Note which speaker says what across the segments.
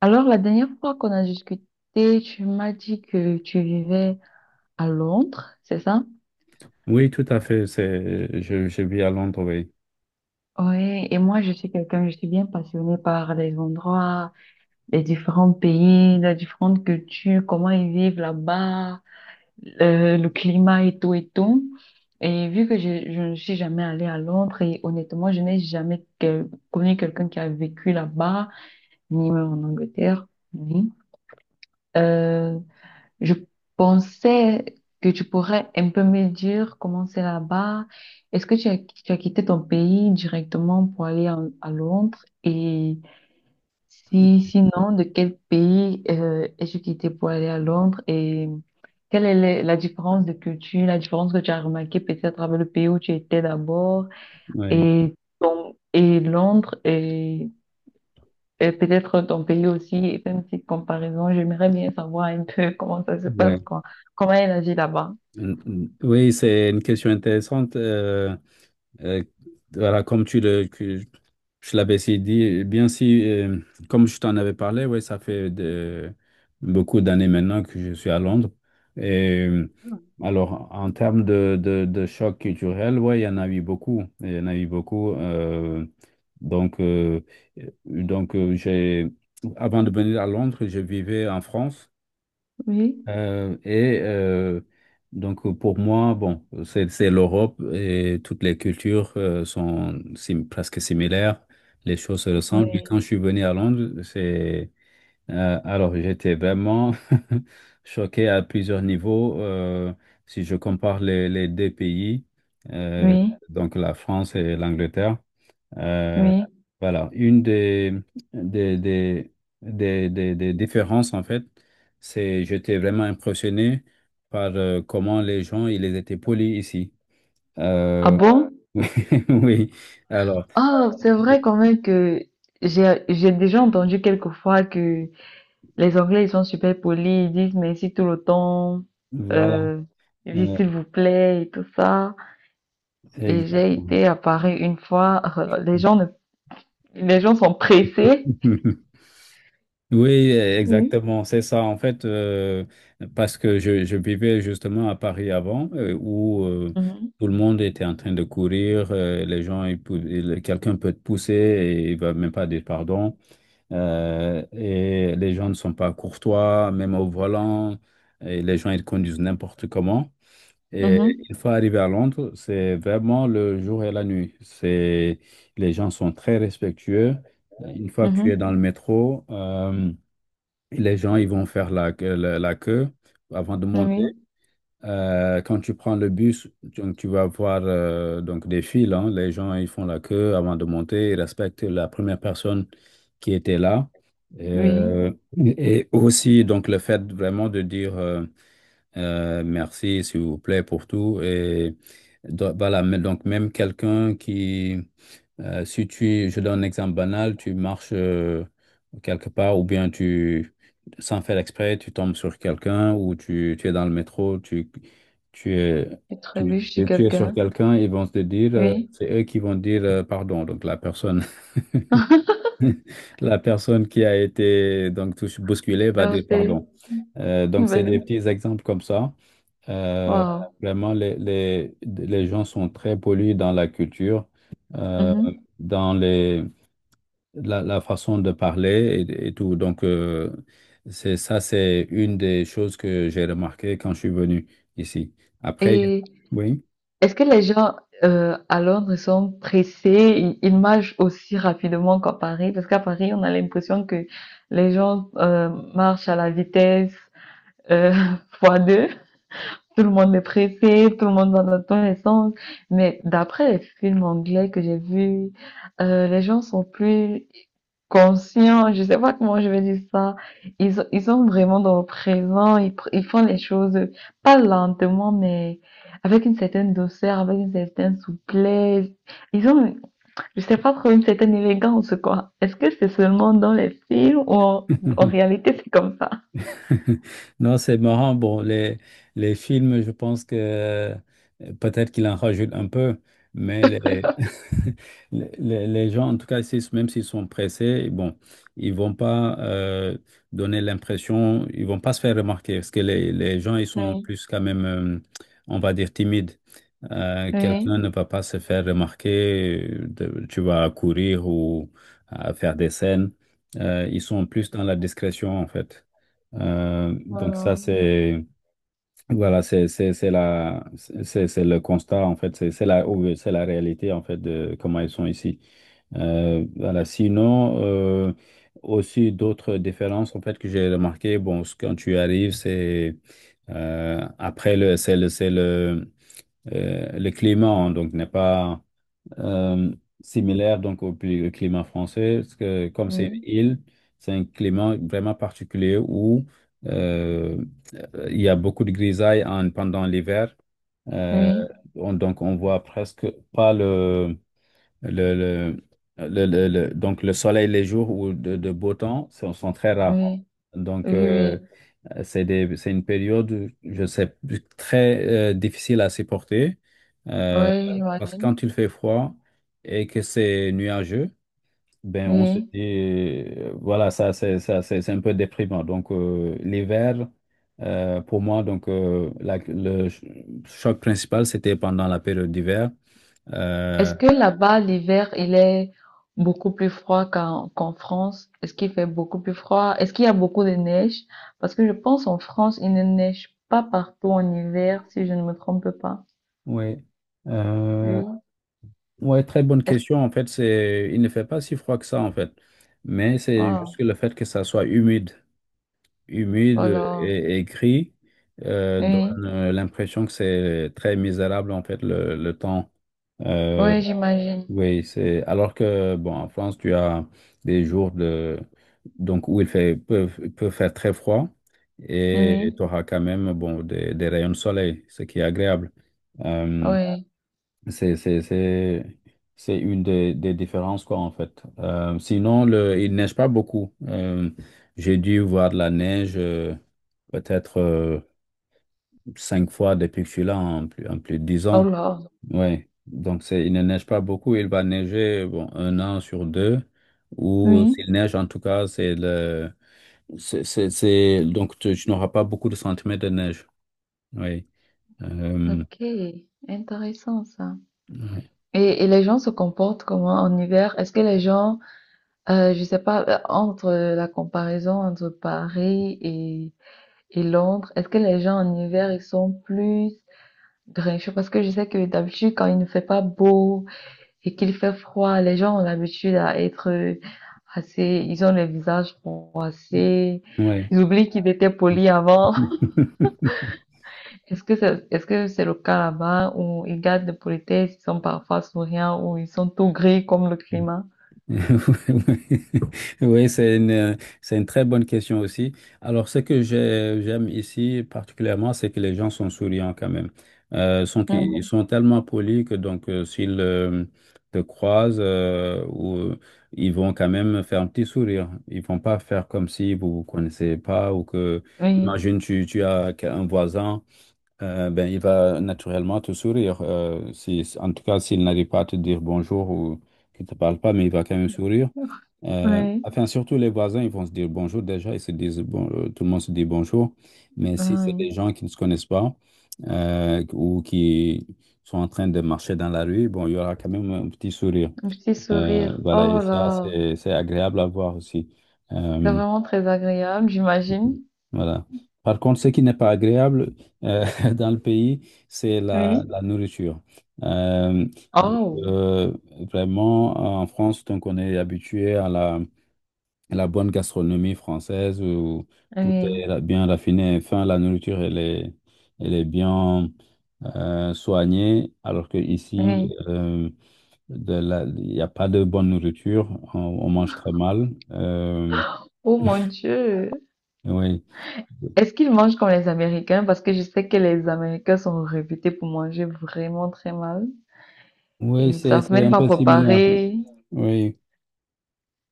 Speaker 1: Alors, la dernière fois qu'on a discuté, tu m'as dit que tu vivais à Londres, c'est ça?
Speaker 2: Oui, tout à fait. Je vis à Londres, oui.
Speaker 1: Oui, et moi, je suis quelqu'un, je suis bien passionnée par les endroits, les différents pays, les différentes cultures, comment ils vivent là-bas, le climat et tout et tout. Et vu que je ne suis jamais allée à Londres, et honnêtement, je n'ai jamais connu quelqu'un qui a vécu là-bas, ni même en Angleterre, ni. Euh, Je pensais que tu pourrais un peu me dire comment c'est là-bas. Est-ce que tu as quitté ton pays directement pour aller à Londres? Et si, sinon, de quel pays es-tu quitté pour aller à Londres? Et quelle est la différence de culture, la différence que tu as remarquée peut-être avec le pays où tu étais d'abord
Speaker 2: Oui,
Speaker 1: et, et Londres? Et peut-être ton pays aussi et faire une petite comparaison. J'aimerais bien savoir un peu comment ça se passe,
Speaker 2: ouais.
Speaker 1: quoi. Comment elle agit là-bas.
Speaker 2: Mm, mm. Oui, c'est une question intéressante. Euh, voilà, que je l'avais si dit, bien si, comme je t'en avais parlé, ouais, ça fait beaucoup d'années maintenant que je suis à Londres. Et alors, en termes de choc culturel, ouais, il y en a eu beaucoup. Il y en a eu beaucoup. Donc, euh, donc euh, j'ai, avant de venir à Londres, je vivais en France.
Speaker 1: Oui,
Speaker 2: Et donc pour moi, bon, c'est l'Europe et toutes les cultures sont presque similaires, les choses se ressemblent. Mais
Speaker 1: oui,
Speaker 2: quand je suis venu à Londres, c'est alors j'étais vraiment choqué à plusieurs niveaux. Si je compare les deux pays, euh,
Speaker 1: oui,
Speaker 2: donc la France et l'Angleterre. Euh,
Speaker 1: oui.
Speaker 2: voilà, une des, des, des différences, en fait, c'est j'étais vraiment impressionné par comment les gens, ils étaient polis ici.
Speaker 1: Ah
Speaker 2: Euh,
Speaker 1: bon?
Speaker 2: oui, oui. Alors,
Speaker 1: Ah, c'est vrai quand même que j'ai déjà entendu quelquefois que les Anglais, ils sont super polis, ils disent merci tout le temps,
Speaker 2: voilà.
Speaker 1: euh, ils disent
Speaker 2: Euh,
Speaker 1: s'il vous plaît et tout ça. Et j'ai
Speaker 2: Exactement.
Speaker 1: été à Paris une fois, les gens ne, les gens sont pressés.
Speaker 2: Oui,
Speaker 1: Oui.
Speaker 2: exactement, c'est ça. En fait, parce que je vivais justement à Paris avant, où
Speaker 1: Mhm,
Speaker 2: tout le monde était en train de courir, les gens, quelqu'un peut te pousser et il va même pas dire pardon, et les gens ne sont pas courtois, même au volant, et les gens, ils conduisent n'importe comment. Et
Speaker 1: mhm,
Speaker 2: une fois arrivé à Londres, c'est vraiment le jour et la nuit. Les gens sont très respectueux. Une fois que tu es dans
Speaker 1: mhm.
Speaker 2: le métro, les gens, ils vont faire la queue avant de monter.
Speaker 1: Oui,
Speaker 2: Quand tu prends le bus, donc tu vas voir donc des files. Hein. Les gens, ils font la queue avant de monter. Ils respectent la première personne qui était là.
Speaker 1: oui,
Speaker 2: Et aussi, donc, le fait vraiment de dire merci, s'il vous plaît, pour tout. Et voilà, mais donc, même quelqu'un qui si tu, je donne un exemple banal, tu marches quelque part ou bien sans faire exprès, tu tombes sur quelqu'un ou tu es dans le métro, tu es,
Speaker 1: je
Speaker 2: tu,
Speaker 1: trébuche sur
Speaker 2: tu- tu es sur
Speaker 1: quelqu'un.
Speaker 2: quelqu'un, ils vont te dire,
Speaker 1: Oui,
Speaker 2: c'est eux qui vont dire pardon. Donc la personne, la personne qui a été donc bousculée va dire
Speaker 1: heurté,
Speaker 2: pardon. Donc c'est des
Speaker 1: vas-y.
Speaker 2: petits exemples comme ça. Euh,
Speaker 1: Wow.
Speaker 2: Vraiment, les gens sont très pollués dans la culture. Euh,
Speaker 1: Mhm.
Speaker 2: dans la façon de parler et tout. Donc, c'est ça, c'est une des choses que j'ai remarqué quand je suis venu ici. Après,
Speaker 1: Et
Speaker 2: oui.
Speaker 1: Est-ce que les gens à Londres sont pressés, ils marchent aussi rapidement qu'à Paris? Parce qu'à Paris, on a l'impression que les gens marchent à la vitesse euh, fois deux. Tout le monde est pressé, tout le monde va dans tous les sens. Mais d'après les films anglais que j'ai vus, les gens sont plus conscients, je sais pas comment je vais dire ça. Ils sont vraiment dans le présent, ils font les choses pas lentement, mais avec une certaine douceur, avec une certaine souplesse. Ils ont, je sais pas trop, une certaine élégance, quoi. Est-ce que c'est seulement dans les films ou en, en réalité c'est comme ça?
Speaker 2: Non, c'est marrant. Bon, les films, je pense que peut-être qu'il en rajoute un peu, mais les gens, en tout cas, même s'ils sont pressés, bon, ils vont pas donner l'impression, ils vont pas se faire remarquer, parce que les gens, ils sont
Speaker 1: Oui.
Speaker 2: plus quand même, on va dire, timides.
Speaker 1: Oui.
Speaker 2: Quelqu'un ne va pas se faire remarquer, tu vas courir ou à faire des scènes. Ils sont plus dans la discrétion, en fait. Donc ça,
Speaker 1: Voilà.
Speaker 2: c'est voilà, c'est la c'est le constat en fait, c'est la réalité en fait de comment ils sont ici. Voilà. Sinon, aussi d'autres différences en fait que j'ai remarqué. Bon, quand tu arrives, c'est après le c'est le c'est le climat, hein, donc n'est pas euh, similaire donc au climat français, parce que comme c'est une
Speaker 1: Oui.
Speaker 2: île, c'est un climat vraiment particulier où euh, il y a beaucoup de grisailles pendant l'hiver. Euh,
Speaker 1: Oui.
Speaker 2: donc on voit presque pas le, le, donc le soleil les jours où de beau temps sont très rares.
Speaker 1: Oui,
Speaker 2: Donc
Speaker 1: oui, oui,
Speaker 2: c'est une période, je sais, très difficile à supporter euh,
Speaker 1: oui,
Speaker 2: parce que
Speaker 1: j'imagine.
Speaker 2: quand il fait froid et que c'est nuageux, ben on se
Speaker 1: Oui.
Speaker 2: dit, voilà, ça c'est un peu déprimant. Donc l'hiver, pour moi, donc choc principal, c'était pendant la période d'hiver. Euh,
Speaker 1: Est-ce que là-bas, l'hiver, il est beaucoup plus froid qu'en France? Est-ce qu'il fait beaucoup plus froid? Est-ce qu'il y a beaucoup de neige? Parce que je pense en France, il ne neige pas partout en hiver, si je ne me trompe pas.
Speaker 2: oui. Euh,
Speaker 1: Oui.
Speaker 2: ouais, très bonne
Speaker 1: Est-ce...
Speaker 2: question. En fait, il ne fait pas si froid que ça, en fait. Mais c'est juste
Speaker 1: Oh,
Speaker 2: que le fait que ça soit humide. Humide
Speaker 1: oh là.
Speaker 2: et gris donne
Speaker 1: Oui,
Speaker 2: l'impression que c'est très misérable en fait le temps. Euh,
Speaker 1: oui, j'imagine.
Speaker 2: oui, c'est alors que bon en France tu as des jours de donc où il fait peut faire très froid et tu
Speaker 1: Oui,
Speaker 2: auras quand même bon des rayons de soleil, ce qui est agréable. Euh,
Speaker 1: oui.
Speaker 2: c'est c'est c'est c'est une des différences quoi en fait. Sinon le il neige pas beaucoup. J'ai dû voir de la neige peut-être cinq fois depuis que je suis là, en plus en plus de dix
Speaker 1: Oh
Speaker 2: ans.
Speaker 1: là.
Speaker 2: Ouais. Donc il ne neige pas beaucoup, il va neiger bon, un an sur deux, ou
Speaker 1: Oui.
Speaker 2: s'il neige en tout cas, c'est le, c'est- donc tu n'auras pas beaucoup de centimètres de neige. Oui. Euh,
Speaker 1: Ok, intéressant ça.
Speaker 2: ouais.
Speaker 1: Et les gens se comportent comment en hiver? Est-ce que les gens je sais pas, entre la comparaison entre Paris et Londres, est-ce que les gens en hiver, ils sont plus grincheux? Parce que je sais que d'habitude, quand il ne fait pas beau et qu'il fait froid, les gens ont l'habitude à être assez, ils ont le visage froissé,
Speaker 2: Ouais.
Speaker 1: ils oublient qu'ils étaient polis avant. Est-ce que c'est le cas là-bas où ils gardent de politesse, ils sont parfois souriants, ou ils sont tout gris comme le climat?
Speaker 2: Oui, c'est une très bonne question aussi. Alors, ce que j'aime ici particulièrement, c'est que les gens sont souriants quand même. Ils
Speaker 1: Mhm.
Speaker 2: sont tellement polis que donc, s'ils te croisent, ou, ils vont quand même faire un petit sourire. Ils vont pas faire comme si vous vous connaissez pas ou que,
Speaker 1: Oui,
Speaker 2: imagine, tu as un voisin. Ben, il va naturellement te sourire. Si, En tout cas, s'il n'arrive pas à te dire bonjour ou qu'il ne te parle pas, mais il va quand même sourire.
Speaker 1: oui,
Speaker 2: Enfin, surtout les voisins, ils vont se dire bonjour déjà. Ils se disent bon, tout le monde se dit bonjour. Mais si c'est
Speaker 1: oui.
Speaker 2: des gens qui ne se connaissent pas ou qui sont en train de marcher dans la rue, bon, il y aura quand même un petit sourire.
Speaker 1: Un petit sourire.
Speaker 2: Voilà, et
Speaker 1: Oh
Speaker 2: ça,
Speaker 1: là,
Speaker 2: c'est agréable à voir aussi.
Speaker 1: c'est
Speaker 2: Euh,
Speaker 1: vraiment très agréable, j'imagine.
Speaker 2: voilà. Par contre, ce qui n'est pas agréable euh, dans le pays, c'est la,
Speaker 1: Oui.
Speaker 2: la nourriture. Euh, donc,
Speaker 1: Oh,
Speaker 2: vraiment, en France, donc on est habitué à la bonne gastronomie française où tout
Speaker 1: oui,
Speaker 2: est bien raffiné. Enfin, la nourriture, elle est bien soignée, alors qu'ici,
Speaker 1: oui.
Speaker 2: il n'y a pas de bonne nourriture. On mange très mal.
Speaker 1: Oh mon Dieu.
Speaker 2: Oui.
Speaker 1: Est-ce qu'ils mangent comme les Américains? Parce que je sais que les Américains sont réputés pour manger vraiment très mal. Et
Speaker 2: Oui,
Speaker 1: ils
Speaker 2: c'est
Speaker 1: savent
Speaker 2: c'est
Speaker 1: même
Speaker 2: un
Speaker 1: pas
Speaker 2: peu similaire.
Speaker 1: préparer.
Speaker 2: Oui.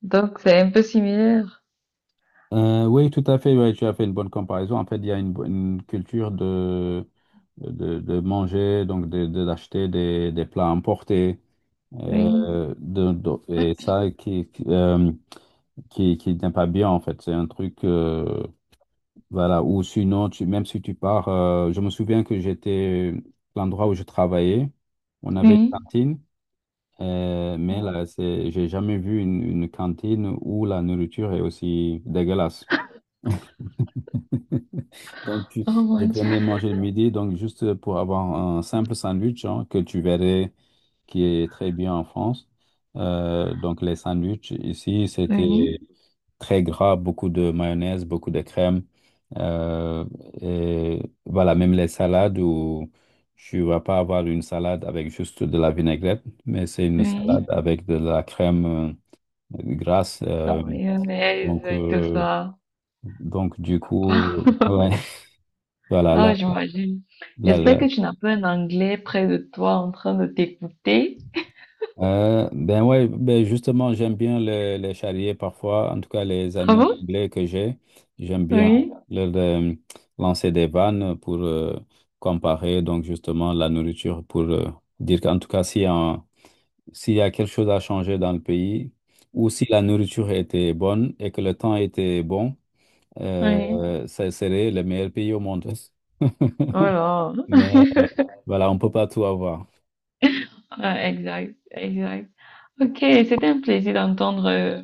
Speaker 1: Donc c'est un peu similaire.
Speaker 2: Oui, tout à fait. Oui, tu as fait une bonne comparaison. En fait, il y a une culture de manger, donc d'acheter des plats importés.
Speaker 1: Oui,
Speaker 2: Et ça qui n'est pas bien, en fait. C'est un truc, voilà, ou sinon, même si tu pars, je me souviens que l'endroit où je travaillais, on avait une
Speaker 1: oui.
Speaker 2: cantine. Mais là, j'ai jamais vu une cantine où la nourriture est aussi dégueulasse. Donc,
Speaker 1: Oh
Speaker 2: je
Speaker 1: mon Dieu.
Speaker 2: venais manger le midi, donc juste pour avoir un simple sandwich, hein, que tu verrais qui est très bien en France. Donc, les sandwichs ici, c'était
Speaker 1: Oui,
Speaker 2: très gras, beaucoup de mayonnaise, beaucoup de crème. Euh, et voilà, même les salades où tu vas pas avoir une salade avec juste de la vinaigrette, mais c'est une salade
Speaker 1: oui.
Speaker 2: avec de la crème grasse.
Speaker 1: La mayonnaise
Speaker 2: Donc,
Speaker 1: et tout ça.
Speaker 2: donc, du coup, ouais, voilà,
Speaker 1: Oh,
Speaker 2: là,
Speaker 1: j'imagine.
Speaker 2: là,
Speaker 1: J'espère
Speaker 2: là.
Speaker 1: que tu n'as pas un anglais près de toi en train de t'écouter.
Speaker 2: Ben ouais, ben justement, j'aime bien les charriers parfois, en tout cas les
Speaker 1: Ah
Speaker 2: amis
Speaker 1: bon?
Speaker 2: anglais que j'ai. J'aime bien
Speaker 1: Oui,
Speaker 2: leur lancer des vannes pour comparer donc justement la nourriture pour dire qu'en tout cas, si un- s'il y a quelque chose à changer dans le pays ou si la nourriture était bonne et que le temps était bon,
Speaker 1: oui.
Speaker 2: ça serait le meilleur pays au monde.
Speaker 1: Oh là.
Speaker 2: Mais voilà, on peut pas tout avoir.
Speaker 1: Ouais, exact, exact. Ok, c'était un plaisir d'entendre,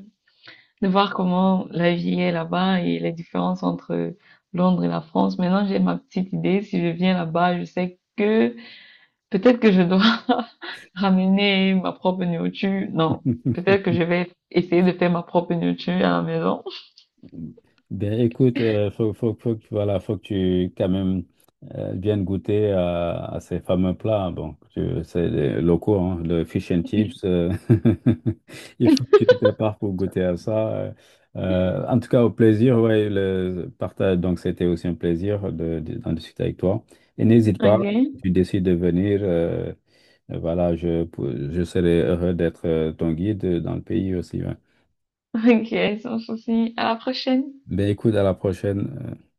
Speaker 1: de voir comment la vie est là-bas et les différences entre Londres et la France. Maintenant, j'ai ma petite idée. Si je viens là-bas, je sais que peut-être que je dois ramener ma propre nourriture. Non, peut-être que je vais essayer de faire ma propre nourriture à la maison.
Speaker 2: Ben écoute, voilà, faut que tu quand même viennes goûter à ces fameux plats. Hein. Bon, c'est les locaux, hein, le fish and chips. Il faut que tu te prépares pour goûter à ça. En tout cas, au plaisir, ouais, le partage. Donc, c'était aussi un plaisir d'en discuter avec toi. Et n'hésite pas, si
Speaker 1: Ok.
Speaker 2: tu décides de venir, voilà, je serai heureux d'être ton guide dans le pays aussi. Ouais.
Speaker 1: Ok, sans souci. À la prochaine.
Speaker 2: Ben écoute, à la prochaine.